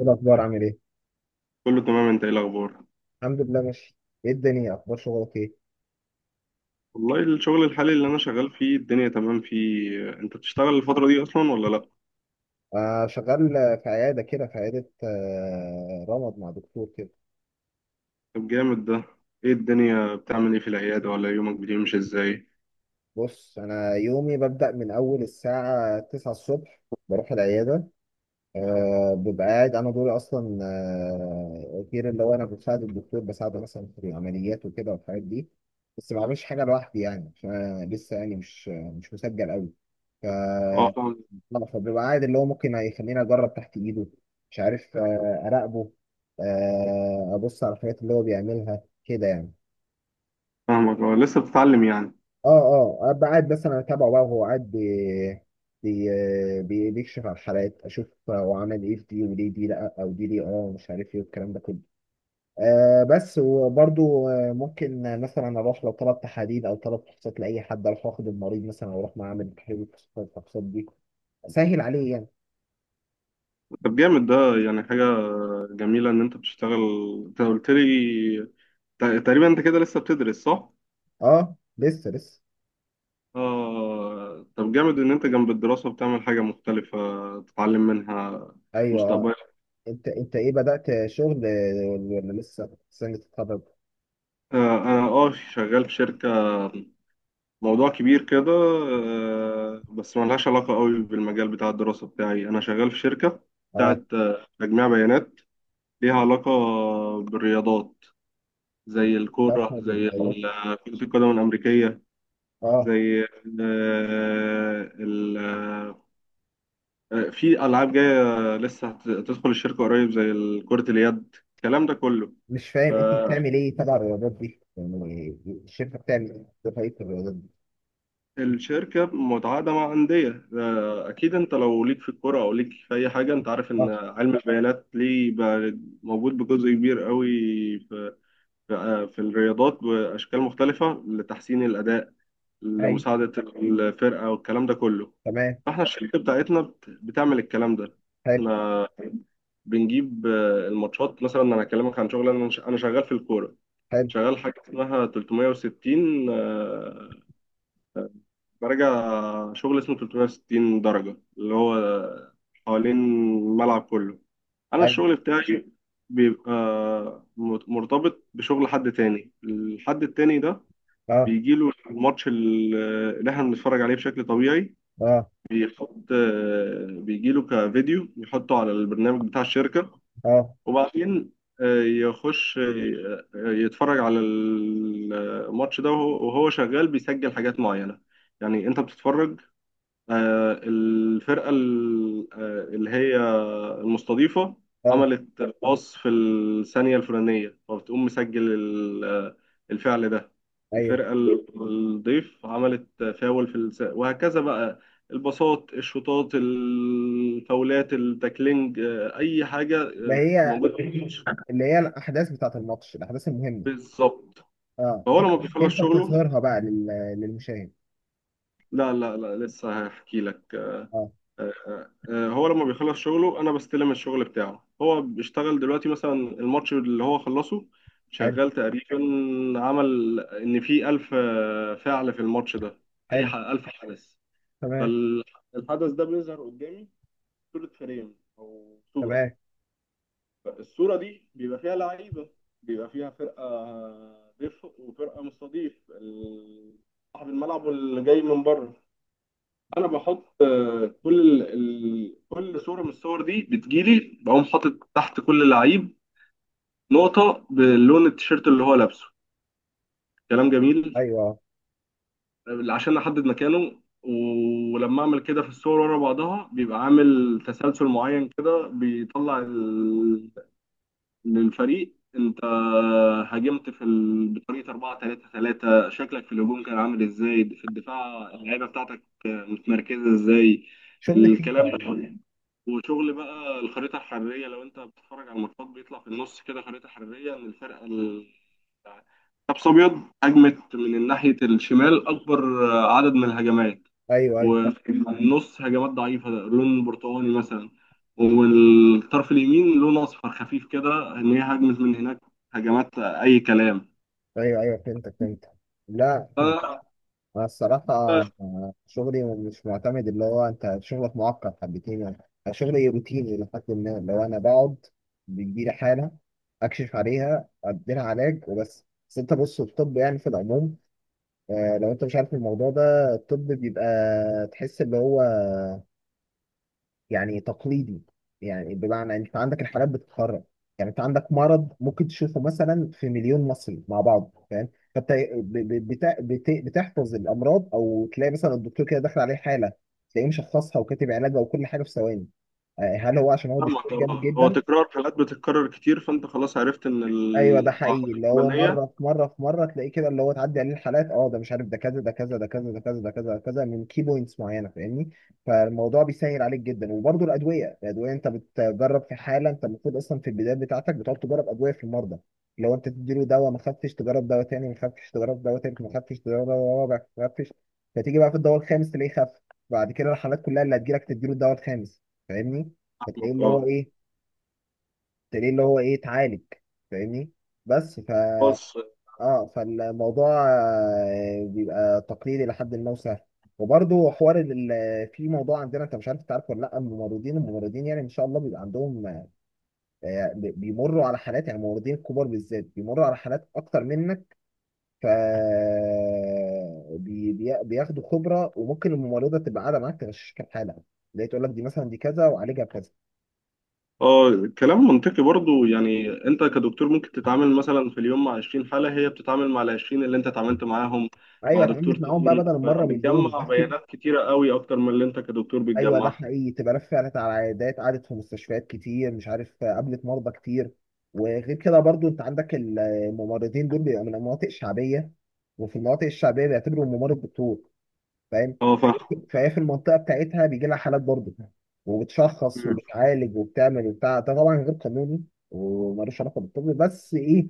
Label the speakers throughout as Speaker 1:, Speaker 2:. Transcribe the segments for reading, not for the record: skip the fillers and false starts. Speaker 1: ايه الاخبار؟ عامل ايه؟
Speaker 2: كله تمام، انت ايه الاخبار؟
Speaker 1: الحمد لله، ماشي. ايه الدنيا، اخبار شغلك ايه؟
Speaker 2: والله الشغل الحالي اللي انا شغال فيه الدنيا تمام. فيه انت بتشتغل الفترة دي اصلا ولا لا؟
Speaker 1: آه، شغال. في عياده، رمض مع دكتور كده.
Speaker 2: طب جامد ده. ايه الدنيا بتعمل ايه في العيادة، ولا يومك بيمشي ازاي؟
Speaker 1: بص، انا يومي ببدا من اول الساعه 9 الصبح. بروح العياده. ببقى قاعد، انا دوري اصلا. غير اللي هو انا بساعد الدكتور، بساعده مثلا في العمليات وكده والحاجات دي. بس ما بعملش حاجه لوحدي يعني، عشان أنا لسه يعني مش مسجل قوي. ف
Speaker 2: اه،
Speaker 1: لا، فبيبقى قاعد اللي هو ممكن هيخليني اجرب تحت ايده. مش عارف، اراقبه. ابص على الحاجات اللي هو بيعملها كده يعني.
Speaker 2: فاهمك، اه، لسه بتتعلم يعني.
Speaker 1: اه. اه، ابقى قاعد مثلا اتابعه بقى، وهو قاعد بي بيكشف على الحالات، اشوف هو عمل ايه في دي وليه دي لا او دي ليه، اه مش عارف ايه والكلام ده كله. بس وبرضو، ممكن مثلا اروح لو طلب تحاليل او طلب فحوصات لاي حد، اروح واخد المريض مثلا واروح معاه اعمل تحليل الفحوصات دي. سهل عليه يعني.
Speaker 2: طب جامد ده. يعني حاجة جميلة ان انت بتشتغل. انت قلت لي تقريبا انت كده لسه بتدرس صح؟
Speaker 1: اه، لسه لسه.
Speaker 2: اه. طب جامد ان انت جنب الدراسة بتعمل حاجة مختلفة تتعلم منها
Speaker 1: ايوه، آه.
Speaker 2: مستقبلا.
Speaker 1: انت، ايه بدأت شغل ولا لسه سنة تتخرج؟
Speaker 2: انا شغال في شركة، موضوع كبير كده، بس ملهاش علاقة قوي بالمجال بتاع الدراسة بتاعي. أنا شغال في شركة
Speaker 1: اه.
Speaker 2: بتاعت تجميع بيانات، ليها علاقة بالرياضات، زي
Speaker 1: لا،
Speaker 2: الكورة،
Speaker 1: بتاخد
Speaker 2: زي
Speaker 1: الهيدات.
Speaker 2: كرة القدم الأمريكية،
Speaker 1: اه.
Speaker 2: زي آه، ال- في ألعاب جاية لسه هتدخل الشركة قريب، زي كرة اليد، الكلام ده كله.
Speaker 1: مش فاهم انت بتعمل ايه تبع الرياضات دي يعني؟ الشركه بتعمل ايه دفعيه الرياضات دي؟
Speaker 2: الشركة متعاقدة مع أندية، أكيد أنت لو ليك في الكورة أو ليك في أي حاجة أنت عارف
Speaker 1: اه.
Speaker 2: إن علم البيانات ليه بقى موجود بجزء كبير قوي في في في الرياضات بأشكال مختلفة لتحسين الأداء،
Speaker 1: ايوه.
Speaker 2: لمساعدة الفرقة، والكلام ده كله.
Speaker 1: تمام.
Speaker 2: فإحنا الشركة بتاعتنا بتعمل الكلام ده.
Speaker 1: حلو.
Speaker 2: إحنا بنجيب الماتشات، مثلا أنا أكلمك عن شغل، أنا أنا شغال في الكورة.
Speaker 1: حلو.
Speaker 2: شغال حاجة اسمها 360، براجع شغل اسمه 360 درجة اللي هو حوالين الملعب كله. أنا
Speaker 1: ايوه.
Speaker 2: الشغل بتاعي بيبقى مرتبط بشغل حد تاني. الحد التاني ده
Speaker 1: اه.
Speaker 2: بيجيله الماتش اللي احنا بنتفرج عليه بشكل طبيعي،
Speaker 1: اه.
Speaker 2: بيحط، بيجيله كفيديو يحطه على البرنامج بتاع الشركة،
Speaker 1: اه.
Speaker 2: وبعدين يخش يتفرج على الماتش ده، وهو شغال بيسجل حاجات معينة. يعني انت بتتفرج، الفرقة اللي هي المستضيفة
Speaker 1: اه.
Speaker 2: عملت الباص في الثانية الفلانية، فبتقوم مسجل الفعل ده.
Speaker 1: ايوه.
Speaker 2: الفرقة الضيف عملت فاول وهكذا بقى، الباصات، الشوطات، الفاولات، التاكلينج، أي حاجة
Speaker 1: اللي هي.
Speaker 2: موجودة في الماتش.
Speaker 1: اللي هي الاحداث بتاعت الماتش، الاحداث المهمه.
Speaker 2: بالظبط.
Speaker 1: اه، انت
Speaker 2: فهو لما بيخلص
Speaker 1: انت
Speaker 2: شغله،
Speaker 1: بتظهرها بقى للمشاهد؟
Speaker 2: لا، لا، لا، لسه هحكي لك.
Speaker 1: اه.
Speaker 2: آه، هو لما بيخلص شغله انا بستلم الشغل بتاعه. هو بيشتغل دلوقتي مثلا الماتش اللي هو خلصه
Speaker 1: حلو.
Speaker 2: شغال تقريبا، عمل ان في 1000 فعل في الماتش ده، اي
Speaker 1: حلو.
Speaker 2: 1000 حدث.
Speaker 1: تمام.
Speaker 2: فالحدث ده بيظهر قدامي صورة، فريم او صورة.
Speaker 1: تمام.
Speaker 2: الصورة دي بيبقى فيها لعيبة، بيبقى فيها فرقة ضيف وفرقة مستضيف، صاحب الملعب واللي جاي من بره. انا بحط كل كل صوره من الصور دي بتجيلي، بقوم حاطط تحت كل لعيب نقطه بلون التيشيرت اللي هو لابسه. كلام جميل.
Speaker 1: ايوه، اه.
Speaker 2: عشان احدد مكانه، ولما اعمل كده في الصور ورا بعضها بيبقى عامل تسلسل معين كده، بيطلع للفريق انت هاجمت في بطريقه 4-3-3، شكلك في الهجوم كان عامل ازاي، في الدفاع اللعيبه بتاعتك متمركزه ازاي،
Speaker 1: شغل
Speaker 2: الكلام
Speaker 1: فيفا.
Speaker 2: ده. وشغل بقى الخريطة الحرارية، لو انت بتتفرج على الماتشات بيطلع في النص كده خريطة حرارية ان الفرقة حبس ابيض هجمت من ناحية الشمال اكبر عدد من الهجمات،
Speaker 1: ايوه، ايوه.
Speaker 2: وفي النص هجمات ضعيفة لون برتقاني مثلا، والطرف اليمين لون اصفر خفيف كده ان هي هجمت من هناك هجمات اي كلام.
Speaker 1: ايوه، ايوه، فهمتك، فهمتك. لا، احنا.
Speaker 2: فأنا،
Speaker 1: أنا الصراحة. شغلي مش معتمد، اللي هو أنت شغلك معقد حبتين يعني. أنا شغلي روتيني، لحد ما لو أنا بقعد بيجيلي حالة، أكشف عليها أديلها علاج وبس. بس أنت بص، الطب يعني في العموم، لو أنت مش عارف الموضوع ده، الطب بيبقى تحس اللي هو يعني تقليدي. يعني بمعنى انت عندك الحالات بتتكرر. يعني انت عندك مرض ممكن تشوفه مثلا في مليون مصري مع بعض، فاهم؟ فانت بتحفظ الامراض، او تلاقي مثلا الدكتور كده داخل عليه حاله، تلاقيه مشخصها وكاتب علاجها وكل حاجه في ثواني. هل هو عشان هو دكتور
Speaker 2: فاهمك.
Speaker 1: جامد
Speaker 2: اه، هو
Speaker 1: جدا؟
Speaker 2: تكرار حالات بتتكرر كتير، فانت خلاص عرفت ان
Speaker 1: ايوه، ده
Speaker 2: الاعراض
Speaker 1: حقيقي، اللي هو
Speaker 2: الفلانية.
Speaker 1: مره في مره في مره تلاقيه كده، اللي هو تعدي عليه الحالات، اه ده مش عارف، ده كذا ده كذا ده كذا ده كذا ده كذا ده كذا، من كي بوينتس معينه، فاهمني؟ فالموضوع بيسهل عليك جدا. وبرده الادويه انت بتجرب في حاله، انت المفروض اصلا في البدايه بتاعتك بتقعد تجرب ادويه في المرضى. لو انت تديله دواء ما خفش، تجرب دواء تاني ما خفش، تجرب دواء تالت ما خفش، تجرب دواء رابع ما خفش. فتيجي بقى في الدواء الخامس تلاقيه خف. بعد كده الحالات كلها اللي هتجيلك تديله الدواء الخامس. فاهمني؟ فتلاقيه اللي هو
Speaker 2: اه،
Speaker 1: ايه، ليه اللي هو ايه، اتعالج. فاهمني؟ بس.
Speaker 2: خلاص.
Speaker 1: اه، فالموضوع بيبقى تقليدي لحد ما وسهل. وبرضه حوار في موضوع عندنا، انت مش عارف تعرف ولا لا، الممرضين، يعني ان شاء الله بيبقى عندهم بيمروا على حالات، يعني الممرضين الكبار بالذات بيمروا على حالات اكتر منك. ف بياخدوا خبره، وممكن الممرضه تبقى قاعده معاك تغششك الحاله، اللي هي تقول لك دي مثلا دي كذا، وعالجها بكذا.
Speaker 2: اه، كلام منطقي برضو، يعني انت كدكتور ممكن تتعامل مثلا في اليوم مع 20 حالة، هي بتتعامل مع ال 20 اللي انت اتعاملت معاهم
Speaker 1: ايوه،
Speaker 2: مع دكتور
Speaker 1: اتعاملت معاهم بقى بدل
Speaker 2: تاني،
Speaker 1: المره مليون
Speaker 2: فبتجمع
Speaker 1: وبس.
Speaker 2: بيانات كتيرة قوي اكتر من اللي انت كدكتور
Speaker 1: ايوه، ده
Speaker 2: بتجمعها.
Speaker 1: حقيقي، تبقى ناس فعلت على عيادات، قعدت في مستشفيات كتير مش عارف، قابلت مرضى كتير. وغير كده برضو انت عندك الممرضين دول بيبقى من المناطق الشعبيه، وفي المناطق الشعبيه بيعتبروا الممرض دكتور. فاهم؟
Speaker 2: اه،
Speaker 1: فهي في المنطقه بتاعتها بيجي لها حالات برضو، وبتشخص وبتعالج وبتعمل وبتاع، ده طبعا غير قانوني ومالوش علاقه بالطب، بس ايه؟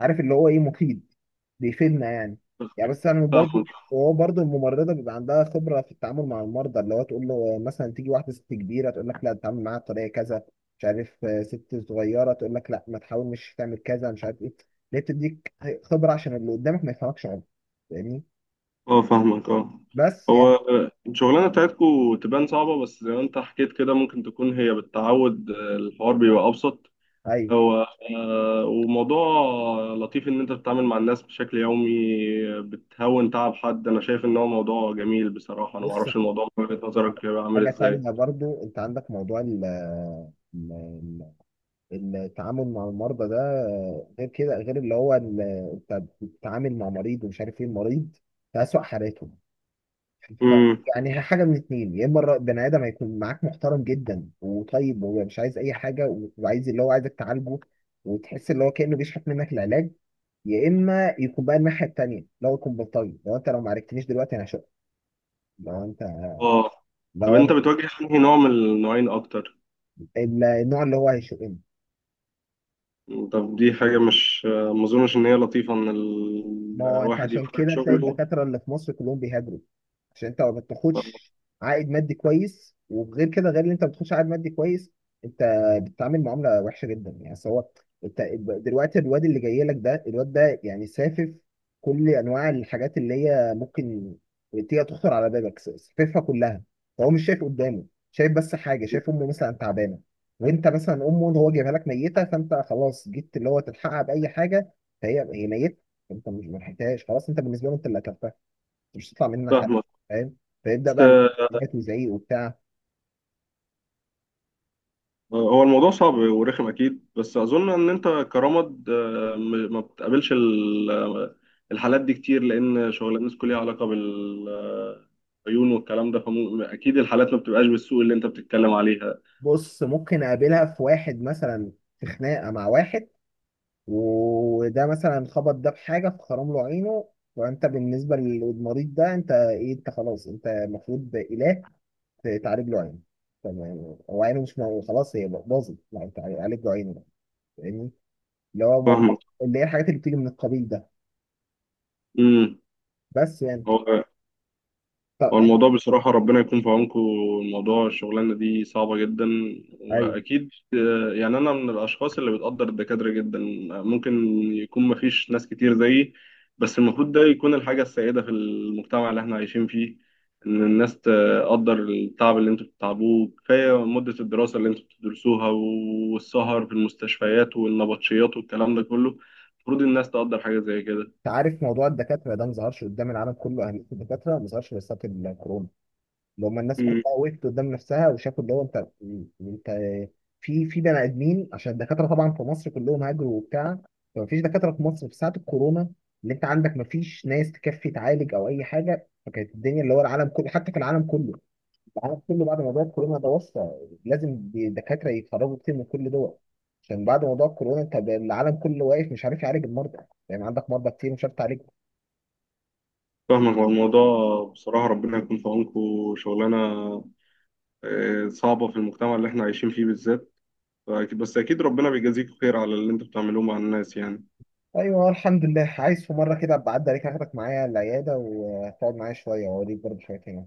Speaker 1: عارف اللي هو ايه، مفيد. بيفيدنا يعني. يعني بس انا برضو
Speaker 2: فاهمك،
Speaker 1: وهو برضو، الممرضه بيبقى عندها خبره في التعامل مع المرضى، اللي هو تقول له مثلا تيجي واحده ست كبيره تقول لك لا تتعامل معاها بطريقه كذا. مش عارف، ست صغيره تقول لك لا ما تحاولش تعمل كذا، مش عارف ايه. ليه بتديك خبره عشان اللي قدامك ما يفهمكش غلط. فاهمني؟
Speaker 2: اه، فاهمك، اه.
Speaker 1: بس
Speaker 2: هو
Speaker 1: يعني.
Speaker 2: الشغلانة بتاعتكو تبان صعبة، بس زي ما انت حكيت كده ممكن تكون هي بالتعود الحوار بيبقى ابسط.
Speaker 1: ايوه.
Speaker 2: هو وموضوع لطيف ان انت بتتعامل مع الناس بشكل يومي، بتهون تعب حد. انا شايف ان هو موضوع جميل بصراحة. انا ما
Speaker 1: بص،
Speaker 2: اعرفش الموضوع من وجهة نظرك هيبقى عامل
Speaker 1: حاجه
Speaker 2: ازاي.
Speaker 1: تانية برضو، انت عندك موضوع التعامل مع المرضى ده. غير كده غير اللي هو انت بتتعامل مع مريض، ومش عارف ايه، المريض في أسوأ حالاته. ف
Speaker 2: امم
Speaker 1: يعني هي حاجه من اتنين، يا اما بني ادم هيكون معاك محترم جدا وطيب، وهو مش عايز اي حاجه، وعايز اللي هو عايزك تعالجه، وتحس اللي هو كانه بيشحت منك العلاج. يا اما يكون بقى الناحيه التانيه، لو يكون بلطجي، لو انت لو ما عرفتنيش دلوقتي انا هشق. لو انت
Speaker 2: اه. طب
Speaker 1: لو
Speaker 2: انت
Speaker 1: أنا-
Speaker 2: بتواجه انهي نوع من النوعين اكتر؟
Speaker 1: النوع اللي هو هيشقني.
Speaker 2: طب دي حاجة مش، ما اظنش ان هي لطيفة ان
Speaker 1: ما هو انت
Speaker 2: الواحد
Speaker 1: عشان
Speaker 2: يبقى في
Speaker 1: كده تلاقي
Speaker 2: شغله.
Speaker 1: الدكاتره اللي في مصر كلهم بيهاجروا. عشان انت ما
Speaker 2: آه،
Speaker 1: بتاخدش عائد مادي كويس، وغير كده غير ان انت ما بتاخدش عائد مادي كويس، انت بتتعامل معامله وحشه جدا، يعني سواء انت دلوقتي، الواد اللي جاي لك ده، الواد ده يعني سافف كل انواع الحاجات اللي هي ممكن تيجي تخطر على بالك، ساففها كلها. فهو مش شايف قدامه، شايف بس حاجه، شايف امه مثلا تعبانه. وانت مثلا امه اللي هو جايبها لك ميته، فانت خلاص جيت اللي هو تلحقها باي حاجه، فهي هي ميته. انت مش ما لحقتهاش، خلاص، انت بالنسبه له انت اللي قتلتها. مش هتطلع مننا حاجه.
Speaker 2: فاهمك.
Speaker 1: فاهم؟ فيبدا بقى الحاجات وزعيق وبتاع.
Speaker 2: هو الموضوع صعب ورخم اكيد، بس اظن ان انت كرمد، ما بتقابلش الحالات دي كتير، لان شغلانتكم ليها علاقه بالعيون والكلام ده، فاكيد الحالات ما بتبقاش بالسوء اللي انت بتتكلم عليها.
Speaker 1: بص، ممكن اقابلها في واحد مثلا في خناقه مع واحد، وده مثلا خبط ده بحاجه فخرم له عينه. وانت بالنسبه للمريض ده انت ايه؟ انت خلاص، انت المفروض اله تعالج له عينه. تمام. هو عينه مش خلاص هي باظت، لا انت عالج له عينه بقى. فاهمني؟ اللي هو موضوع،
Speaker 2: فاهمك.
Speaker 1: اللي هي الحاجات اللي بتيجي من القبيل ده.
Speaker 2: امم
Speaker 1: بس يعني. طب.
Speaker 2: هو الموضوع بصراحة ربنا يكون في عونكم، الموضوع الشغلانة دي صعبة جدا،
Speaker 1: ايوه.
Speaker 2: وأكيد يعني أنا من الأشخاص اللي بتقدر الدكاترة جدا، ممكن يكون مفيش ناس كتير زيي، بس المفروض ده يكون الحاجة السائدة في المجتمع اللي احنا عايشين فيه، إن الناس تقدر التعب اللي انتوا بتتعبوه، كفاية مدة الدراسة اللي انتوا بتدرسوها والسهر في المستشفيات والنبطشيات والكلام ده كله، المفروض الناس تقدر حاجة زي
Speaker 1: انت عارف موضوع الدكاتره ده؟ ما ظهرش قدام العالم كله اهميه الدكاتره، ما ظهرش غير ساعه الكورونا. اللي هم الناس
Speaker 2: كده.
Speaker 1: كلها وقفت قدام نفسها، وشافوا اللي هو انت في بني ادمين، عشان الدكاتره طبعا في مصر كلهم هاجروا وبتاع. فما فيش دكاتره في مصر في ساعه الكورونا. اللي انت عندك ما فيش ناس تكفي تعالج او اي حاجه، فكانت الدنيا اللي هو العالم كله، حتى في العالم كله. العالم كله بعد موضوع الكورونا ده وصل لازم دكاتره يتخرجوا كتير من كل دول. عشان بعد موضوع الكورونا انت العالم كله واقف مش عارف يعالج المرضى. يعني عندك مرضى كتير مش عارف تعالج.
Speaker 2: فاهمك. هو الموضوع بصراحة ربنا يكون في عونكم، شغلانة صعبة في المجتمع اللي احنا عايشين فيه بالذات، بس أكيد ربنا بيجازيكم خير على اللي انتوا بتعملوه مع الناس يعني.
Speaker 1: ايوه، الحمد لله، عايز في مره كده ابقى اعدي عليك، اخدك معايا العياده وتقعد معايا شويه، واوريك برضه شويه هنا.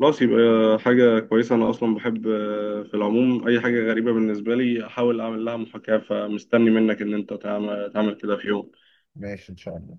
Speaker 2: خلاص، يبقى حاجة كويسة. أنا أصلا بحب في العموم أي حاجة غريبة بالنسبة لي أحاول أعمل لها محاكاة، فمستني منك إن أنت تعمل كده في يوم.
Speaker 1: ماشي ان شاء الله.